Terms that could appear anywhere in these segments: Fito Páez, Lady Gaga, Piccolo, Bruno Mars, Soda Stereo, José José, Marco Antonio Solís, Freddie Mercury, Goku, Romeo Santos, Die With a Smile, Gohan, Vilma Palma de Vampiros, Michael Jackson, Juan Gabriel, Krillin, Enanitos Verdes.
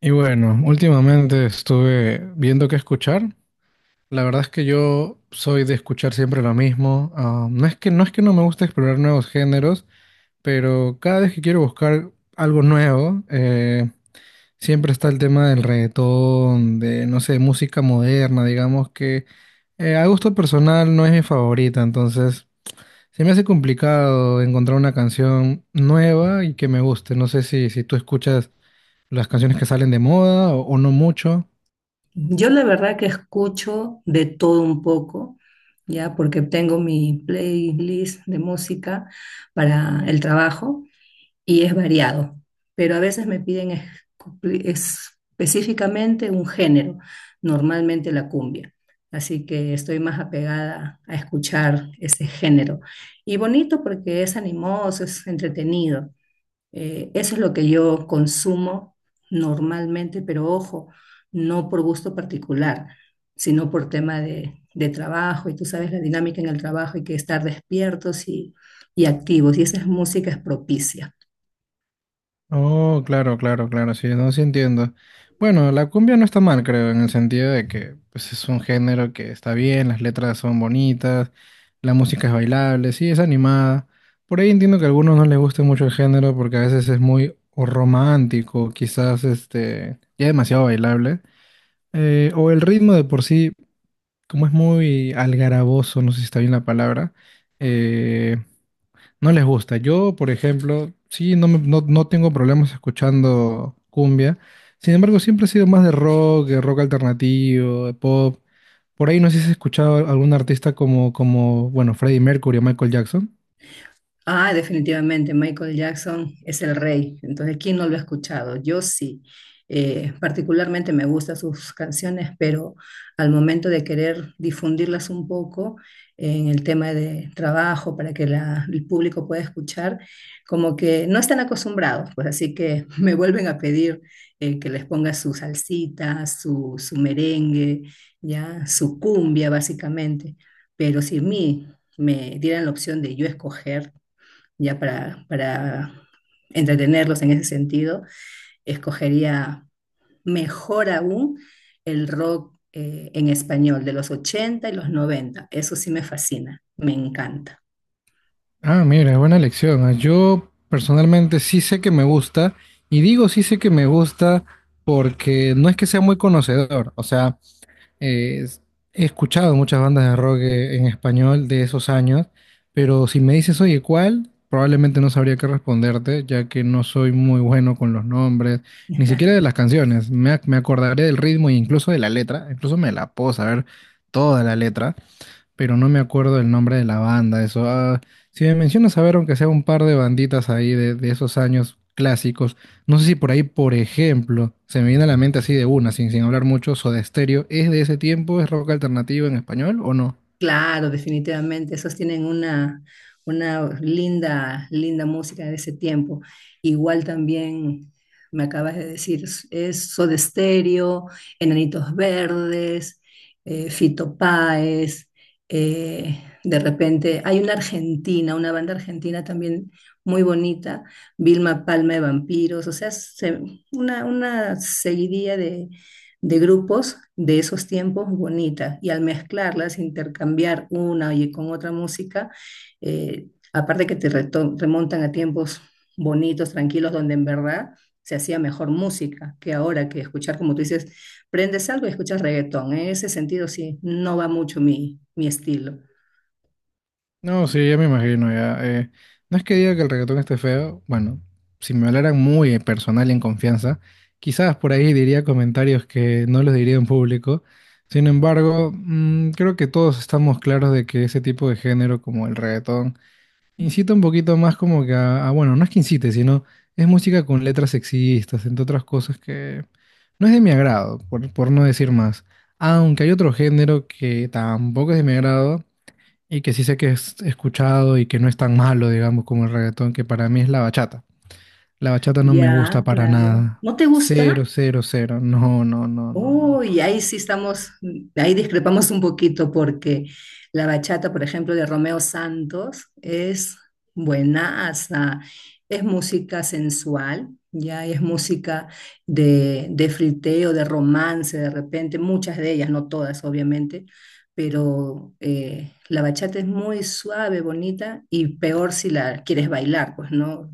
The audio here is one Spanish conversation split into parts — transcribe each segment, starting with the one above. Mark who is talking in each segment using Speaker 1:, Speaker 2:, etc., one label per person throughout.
Speaker 1: Y bueno, últimamente estuve viendo qué escuchar. La verdad es que yo soy de escuchar siempre lo mismo. No es que no me gusta explorar nuevos géneros, pero cada vez que quiero buscar algo nuevo, siempre está el tema del reggaetón, de, no sé, música moderna, digamos que a gusto personal no es mi favorita, entonces se me hace complicado encontrar una canción nueva y que me guste. No sé si tú escuchas las canciones que salen de moda o no mucho.
Speaker 2: Yo la verdad que escucho de todo un poco, ya porque tengo mi playlist de música para el trabajo y es variado, pero a veces me piden específicamente un género, normalmente la cumbia, así que estoy más apegada a escuchar ese género. Y bonito porque es animoso, es entretenido. Eso es lo que yo consumo normalmente, pero ojo, no por gusto particular, sino por tema de trabajo. Y tú sabes la dinámica en el trabajo, hay que estar despiertos y activos. Y esa es música es propicia.
Speaker 1: Oh, claro, claro, claro, sí, no, sí entiendo. Bueno, la cumbia no está mal, creo, en el sentido de que pues, es un género que está bien, las letras son bonitas, la música es bailable, sí, es animada. Por ahí entiendo que a algunos no les guste mucho el género porque a veces es muy o romántico, quizás este, ya demasiado bailable. O el ritmo de por sí, como es muy algaraboso, no sé si está bien la palabra, eh, no les gusta. Yo, por ejemplo, sí, no, no, no tengo problemas escuchando cumbia. Sin embargo, siempre he sido más de rock alternativo, de pop. Por ahí no sé si has escuchado a algún artista como, bueno, Freddie Mercury o Michael Jackson.
Speaker 2: Ah, definitivamente, Michael Jackson es el rey. Entonces, ¿quién no lo ha escuchado? Yo sí. Particularmente me gustan sus canciones, pero al momento de querer difundirlas un poco en el tema de trabajo para que el público pueda escuchar, como que no están acostumbrados, pues así que me vuelven a pedir que les ponga su salsita, su merengue, ya, su cumbia básicamente. Pero si a mí me dieran la opción de yo escoger, ya para entretenerlos en ese sentido, escogería mejor aún el rock en español de los 80 y los 90. Eso sí me fascina, me encanta.
Speaker 1: Ah, mira, buena elección. Yo personalmente sí sé que me gusta, y digo sí sé que me gusta porque no es que sea muy conocedor. O sea, Eh, es- he escuchado muchas bandas de rock en español de esos años, pero si me dices, oye, ¿cuál? Probablemente no sabría qué responderte, ya que no soy muy bueno con los nombres, ni siquiera de las canciones. Me acordaré del ritmo e incluso de la letra, incluso me la puedo saber toda la letra, pero no me acuerdo el nombre de la banda, eso. Si me mencionas, a ver, aunque sea un par de banditas ahí de esos años clásicos, no sé si por ahí, por ejemplo, se me viene a la mente así de una, sin hablar mucho, Soda Stereo, ¿es de ese tiempo? ¿Es rock alternativo en español o no?
Speaker 2: Claro, definitivamente, esos tienen una linda, linda música de ese tiempo. Igual también me acabas de decir, es Soda Stereo, Enanitos Verdes, Fito Páez, de repente hay una argentina, una banda argentina también muy bonita, Vilma Palma de Vampiros, o sea, una seguidilla de grupos de esos tiempos bonitas y al mezclarlas, intercambiar una y con otra música, aparte que te remontan a tiempos bonitos, tranquilos, donde en verdad se hacía mejor música que ahora que escuchar, como tú dices, prendes algo y escuchas reggaetón. En ese sentido, sí, no va mucho mi estilo.
Speaker 1: No, sí, ya me imagino, ya. No es que diga que el reggaetón esté feo, bueno, si me hablaran muy personal y en confianza, quizás por ahí diría comentarios que no los diría en público. Sin embargo, creo que todos estamos claros de que ese tipo de género como el reggaetón incita un poquito más como que a, bueno, no es que incite, sino es música con letras sexistas, entre otras cosas que no es de mi agrado, por no decir más. Aunque hay otro género que tampoco es de mi agrado y que sí sé que es escuchado y que no es tan malo, digamos, como el reggaetón, que para mí es la bachata. La bachata no me gusta
Speaker 2: Ya,
Speaker 1: para
Speaker 2: claro.
Speaker 1: nada.
Speaker 2: ¿No te
Speaker 1: Cero,
Speaker 2: gusta?
Speaker 1: cero, cero. No, no, no, no, no.
Speaker 2: Uy, ahí sí estamos, ahí discrepamos un poquito porque la bachata, por ejemplo, de Romeo Santos es buenaza, es música sensual, ya es música de friteo, de romance, de repente, muchas de ellas, no todas, obviamente, pero la bachata es muy suave, bonita y peor si la quieres bailar, pues no,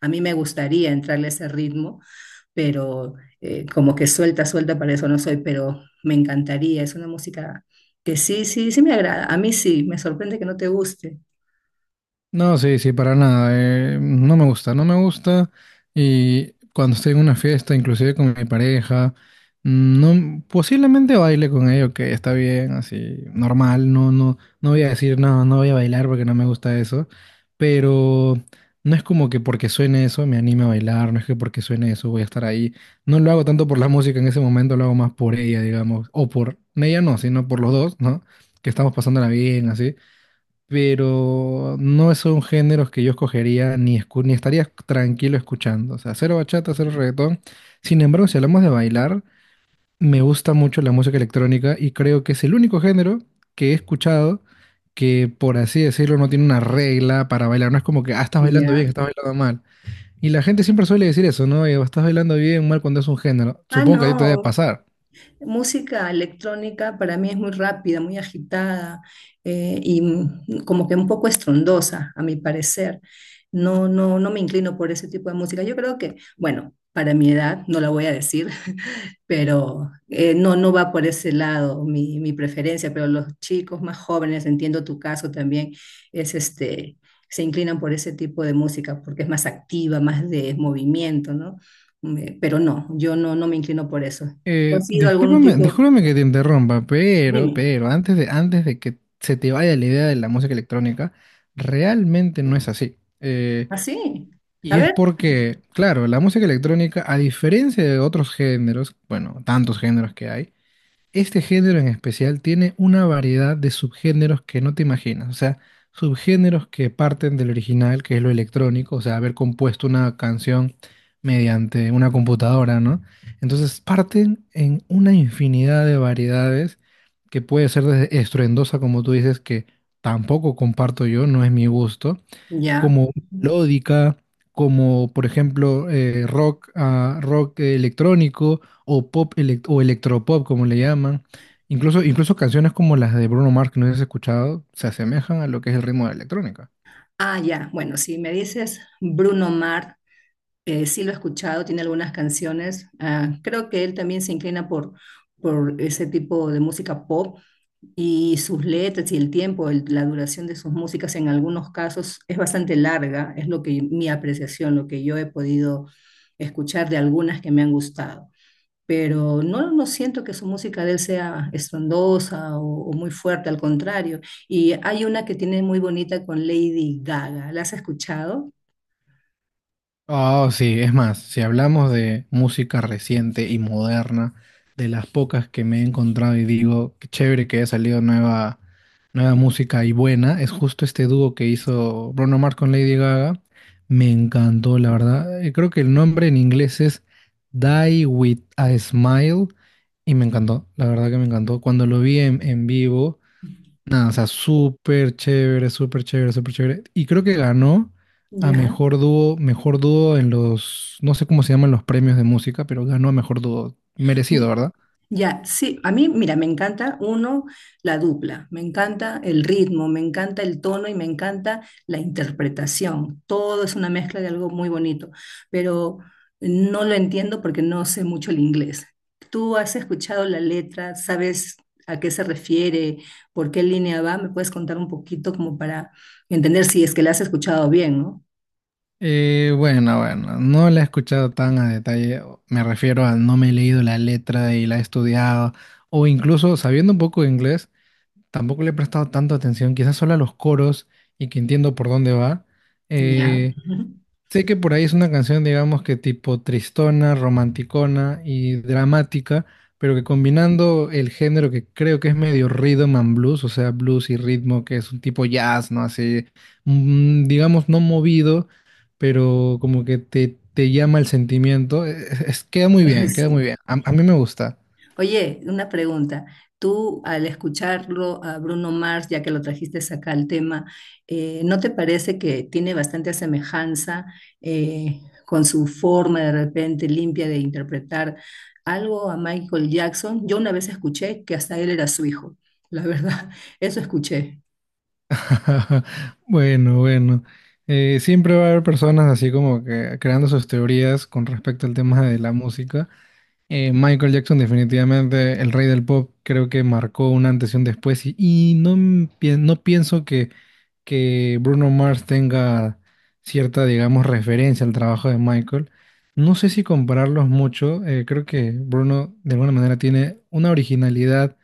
Speaker 2: a mí me gustaría entrarle a ese ritmo pero como que suelta, suelta, para eso no soy, pero me encantaría, es una música que sí, sí, sí me agrada, a mí sí, me sorprende que no te guste,
Speaker 1: No, sí, sí, para nada. No me gusta, no me gusta. Y cuando estoy en una fiesta, inclusive con mi pareja, no, posiblemente baile con ello, que está bien, así, normal. No, no, no voy a decir, no, no voy a bailar porque no me gusta eso. Pero no es como que porque suene eso me anime a bailar, no es que porque suene eso voy a estar ahí. No lo hago tanto por la música en ese momento, lo hago más por ella, digamos. O por ella no, sino por los dos, ¿no? Que estamos pasándola bien, así pero no son géneros que yo escogería ni estaría tranquilo escuchando. O sea, cero bachata, cero reggaetón. Sin embargo, si hablamos de bailar, me gusta mucho la música electrónica y creo que es el único género que he escuchado que, por así decirlo, no tiene una regla para bailar. No es como que, ah, estás bailando bien,
Speaker 2: ¿ya?
Speaker 1: estás bailando mal. Y la gente siempre suele decir eso, ¿no? Estás bailando bien, mal cuando es un género.
Speaker 2: Ah,
Speaker 1: Supongo que a ti te debe
Speaker 2: no,
Speaker 1: pasar.
Speaker 2: música electrónica para mí es muy rápida, muy agitada y como que un poco estrondosa, a mi parecer. No, no, no me inclino por ese tipo de música. Yo creo que, bueno, para mi edad, no la voy a decir, pero no, no va por ese lado mi preferencia, pero los chicos más jóvenes, entiendo tu caso también, es este, se inclinan por ese tipo de música porque es más activa, más de movimiento, ¿no? Pero no, yo no, no me inclino por eso. ¿Tú
Speaker 1: Eh,
Speaker 2: has sido algún
Speaker 1: discúlpame,
Speaker 2: tipo?
Speaker 1: discúlpame que te interrumpa,
Speaker 2: Dime.
Speaker 1: pero, antes de que se te vaya la idea de la música electrónica, realmente no es así.
Speaker 2: ¿Así? A
Speaker 1: Y es
Speaker 2: ver,
Speaker 1: porque, claro, la música electrónica, a diferencia de otros géneros, bueno, tantos géneros que hay, este género en especial tiene una variedad de subgéneros que no te imaginas, o sea, subgéneros que parten del original, que es lo electrónico, o sea, haber compuesto una canción mediante una computadora, ¿no? Entonces parten en una infinidad de variedades que puede ser desde estruendosa, como tú dices, que tampoco comparto yo, no es mi gusto,
Speaker 2: ya.
Speaker 1: como melódica, como por ejemplo rock, ah, rock electrónico o o electropop, como le llaman. Incluso canciones como las de Bruno Mars, que no has escuchado, se asemejan a lo que es el ritmo de la electrónica.
Speaker 2: Ah, ya. Bueno, si me dices Bruno Mars, sí lo he escuchado, tiene algunas canciones. Ah, creo que él también se inclina por ese tipo de música pop y sus letras y el tiempo, la duración de sus músicas en algunos casos es bastante larga, es lo que mi apreciación, lo que yo he podido escuchar de algunas que me han gustado. Pero no, no siento que su música de él sea estrondosa o muy fuerte, al contrario. Y hay una que tiene muy bonita con Lady Gaga. ¿La has escuchado?
Speaker 1: Oh, sí, es más, si hablamos de música reciente y moderna, de las pocas que me he encontrado y digo, qué chévere que haya salido nueva, nueva música y buena, es justo este dúo que hizo Bruno Mars con Lady Gaga. Me encantó, la verdad. Creo que el nombre en inglés es Die With a Smile y me encantó, la verdad que me encantó. Cuando lo vi en vivo. Nada, o sea, súper chévere, súper chévere, súper chévere. Y creo que ganó a
Speaker 2: Ya.
Speaker 1: mejor dúo en los, no sé cómo se llaman los premios de música, pero ganó a mejor dúo. Merecido,
Speaker 2: Y-
Speaker 1: ¿verdad?
Speaker 2: Ya, sí, a mí, mira, me encanta uno, la dupla, me encanta el ritmo, me encanta el tono y me encanta la interpretación. Todo es una mezcla de algo muy bonito, pero no lo entiendo porque no sé mucho el inglés. ¿Tú has escuchado la letra? ¿Sabes a qué se refiere? ¿Por qué línea va? ¿Me puedes contar un poquito como para entender si es que la has escuchado bien, ¿no?
Speaker 1: Bueno, no la he escuchado tan a detalle. Me refiero a no me he leído la letra y la he estudiado. O incluso sabiendo un poco de inglés, tampoco le he prestado tanta atención, quizás solo a los coros y que entiendo por dónde va.
Speaker 2: Ya.
Speaker 1: Eh,
Speaker 2: Ujú.
Speaker 1: Sé que por ahí es una canción, digamos que tipo tristona, romanticona y dramática, pero que combinando el género que creo que es medio rhythm and blues, o sea, blues y ritmo, que es un tipo jazz, ¿no? Así, digamos, no movido, pero como que te llama el sentimiento. Queda muy bien, queda muy
Speaker 2: Sí.
Speaker 1: bien. A mí me gusta.
Speaker 2: Oye, una pregunta. Tú al escucharlo a Bruno Mars, ya que lo trajiste acá al tema, ¿no te parece que tiene bastante semejanza eh, con su forma de repente limpia de interpretar algo a Michael Jackson? Yo una vez escuché que hasta él era su hijo, la verdad, eso escuché.
Speaker 1: Bueno. Siempre va a haber personas así como que creando sus teorías con respecto al tema de la música. Michael Jackson definitivamente el rey del pop, creo que marcó un antes y un después y no, no pienso que Bruno Mars tenga cierta, digamos, referencia al trabajo de Michael. No sé si compararlos mucho, creo que Bruno de alguna manera tiene una originalidad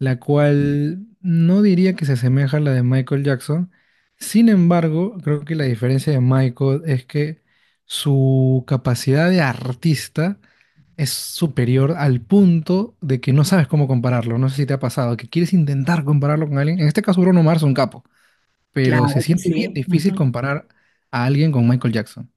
Speaker 1: la cual no diría que se asemeja a la de Michael Jackson. Sin embargo, creo que la diferencia de Michael es que su capacidad de artista es superior al punto de que no sabes cómo compararlo. No sé si te ha pasado, que quieres intentar compararlo con alguien. En este caso, Bruno Mars es un capo, pero se
Speaker 2: Claro que
Speaker 1: siente bien
Speaker 2: sí.
Speaker 1: difícil comparar a alguien con Michael Jackson.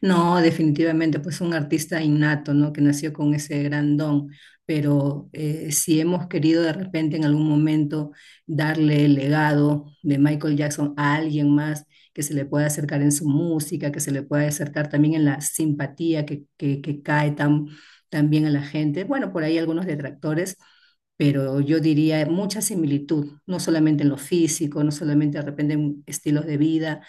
Speaker 2: No, definitivamente, pues un artista innato, ¿no? Que nació con ese gran don, pero si hemos querido de repente en algún momento darle el legado de Michael Jackson a alguien más que se le pueda acercar en su música, que se le pueda acercar también en la simpatía que cae tan, tan bien a la gente, bueno, por ahí algunos detractores pero yo diría mucha similitud, no solamente en lo físico, no solamente de repente en estilos de vida,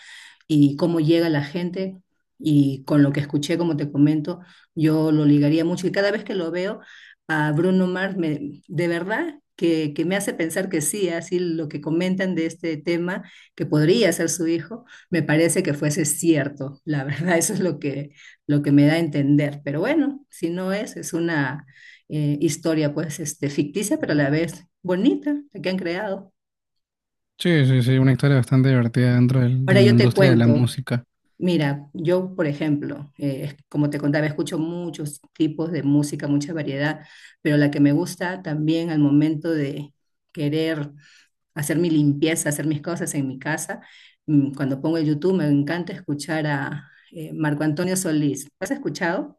Speaker 2: y cómo llega la gente. Y con lo que escuché, como te comento, yo lo ligaría mucho. Y cada vez que lo veo a Bruno Mars, de verdad que me hace pensar que sí, así lo que comentan de este tema, que podría ser su hijo, me parece que fuese cierto. La verdad, eso es lo que me da a entender. Pero bueno, si no es, es una historia pues este, ficticia, pero a la vez bonita, la que han creado.
Speaker 1: Sí, sí, sí, una historia bastante divertida dentro de
Speaker 2: Ahora
Speaker 1: la
Speaker 2: yo te
Speaker 1: industria de la
Speaker 2: cuento.
Speaker 1: música.
Speaker 2: Mira, yo, por ejemplo, como te contaba, escucho muchos tipos de música, mucha variedad, pero la que me gusta también al momento de querer hacer mi limpieza, hacer mis cosas en mi casa, mm, cuando pongo el YouTube, me encanta escuchar a Marco Antonio Solís. ¿Has escuchado?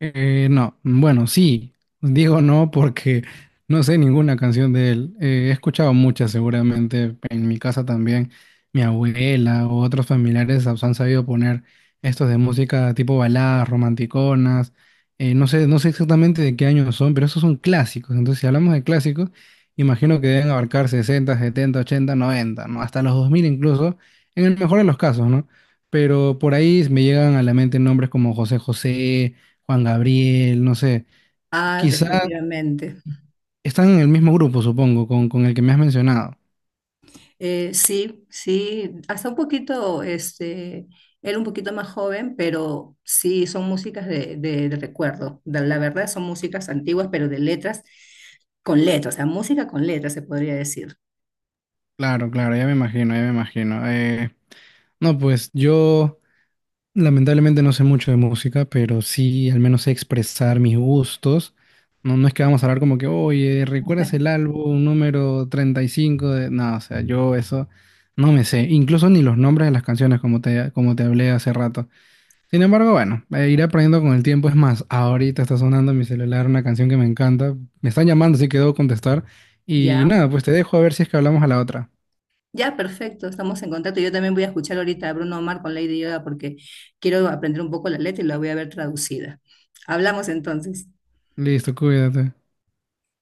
Speaker 1: No, bueno, sí, digo no porque no sé ninguna canción de él. He escuchado muchas seguramente en mi casa también. Mi abuela o otros familiares han sabido poner estos de música tipo baladas, romanticonas. No sé, no sé exactamente de qué años son, pero esos son clásicos. Entonces, si hablamos de clásicos, imagino que deben abarcar 60, 70, 80, 90 ¿no? Hasta los 2000 incluso, en el mejor de los casos, ¿no? Pero por ahí me llegan a la mente nombres como José José Juan Gabriel, no sé.
Speaker 2: Ah,
Speaker 1: Quizá
Speaker 2: definitivamente.
Speaker 1: están en el mismo grupo, supongo, con el que me has mencionado.
Speaker 2: Sí, sí, hasta un poquito, este, él un poquito más joven, pero sí, son músicas de recuerdo. La verdad son músicas antiguas, pero de letras con letras, o sea, música con letras se podría decir.
Speaker 1: Claro, claro, ya me imagino, ya me imagino. No, pues yo lamentablemente no sé mucho de música, pero sí al menos sé expresar mis gustos. No, no es que vamos a hablar como que, oye, ¿recuerdas el álbum número 35 de...? No, o sea, yo eso no me sé. Incluso ni los nombres de las canciones, como te hablé hace rato. Sin embargo, bueno, iré aprendiendo con el tiempo. Es más, ahorita está sonando en mi celular una canción que me encanta. Me están llamando, así que debo contestar. Y
Speaker 2: Ya,
Speaker 1: nada, pues te dejo a ver si es que hablamos a la otra.
Speaker 2: ya, perfecto, estamos en contacto. Yo también voy a escuchar ahorita a Bruno Mars con Lady Gaga porque quiero aprender un poco la letra y la voy a ver traducida. Hablamos entonces.
Speaker 1: Listo, cuídate.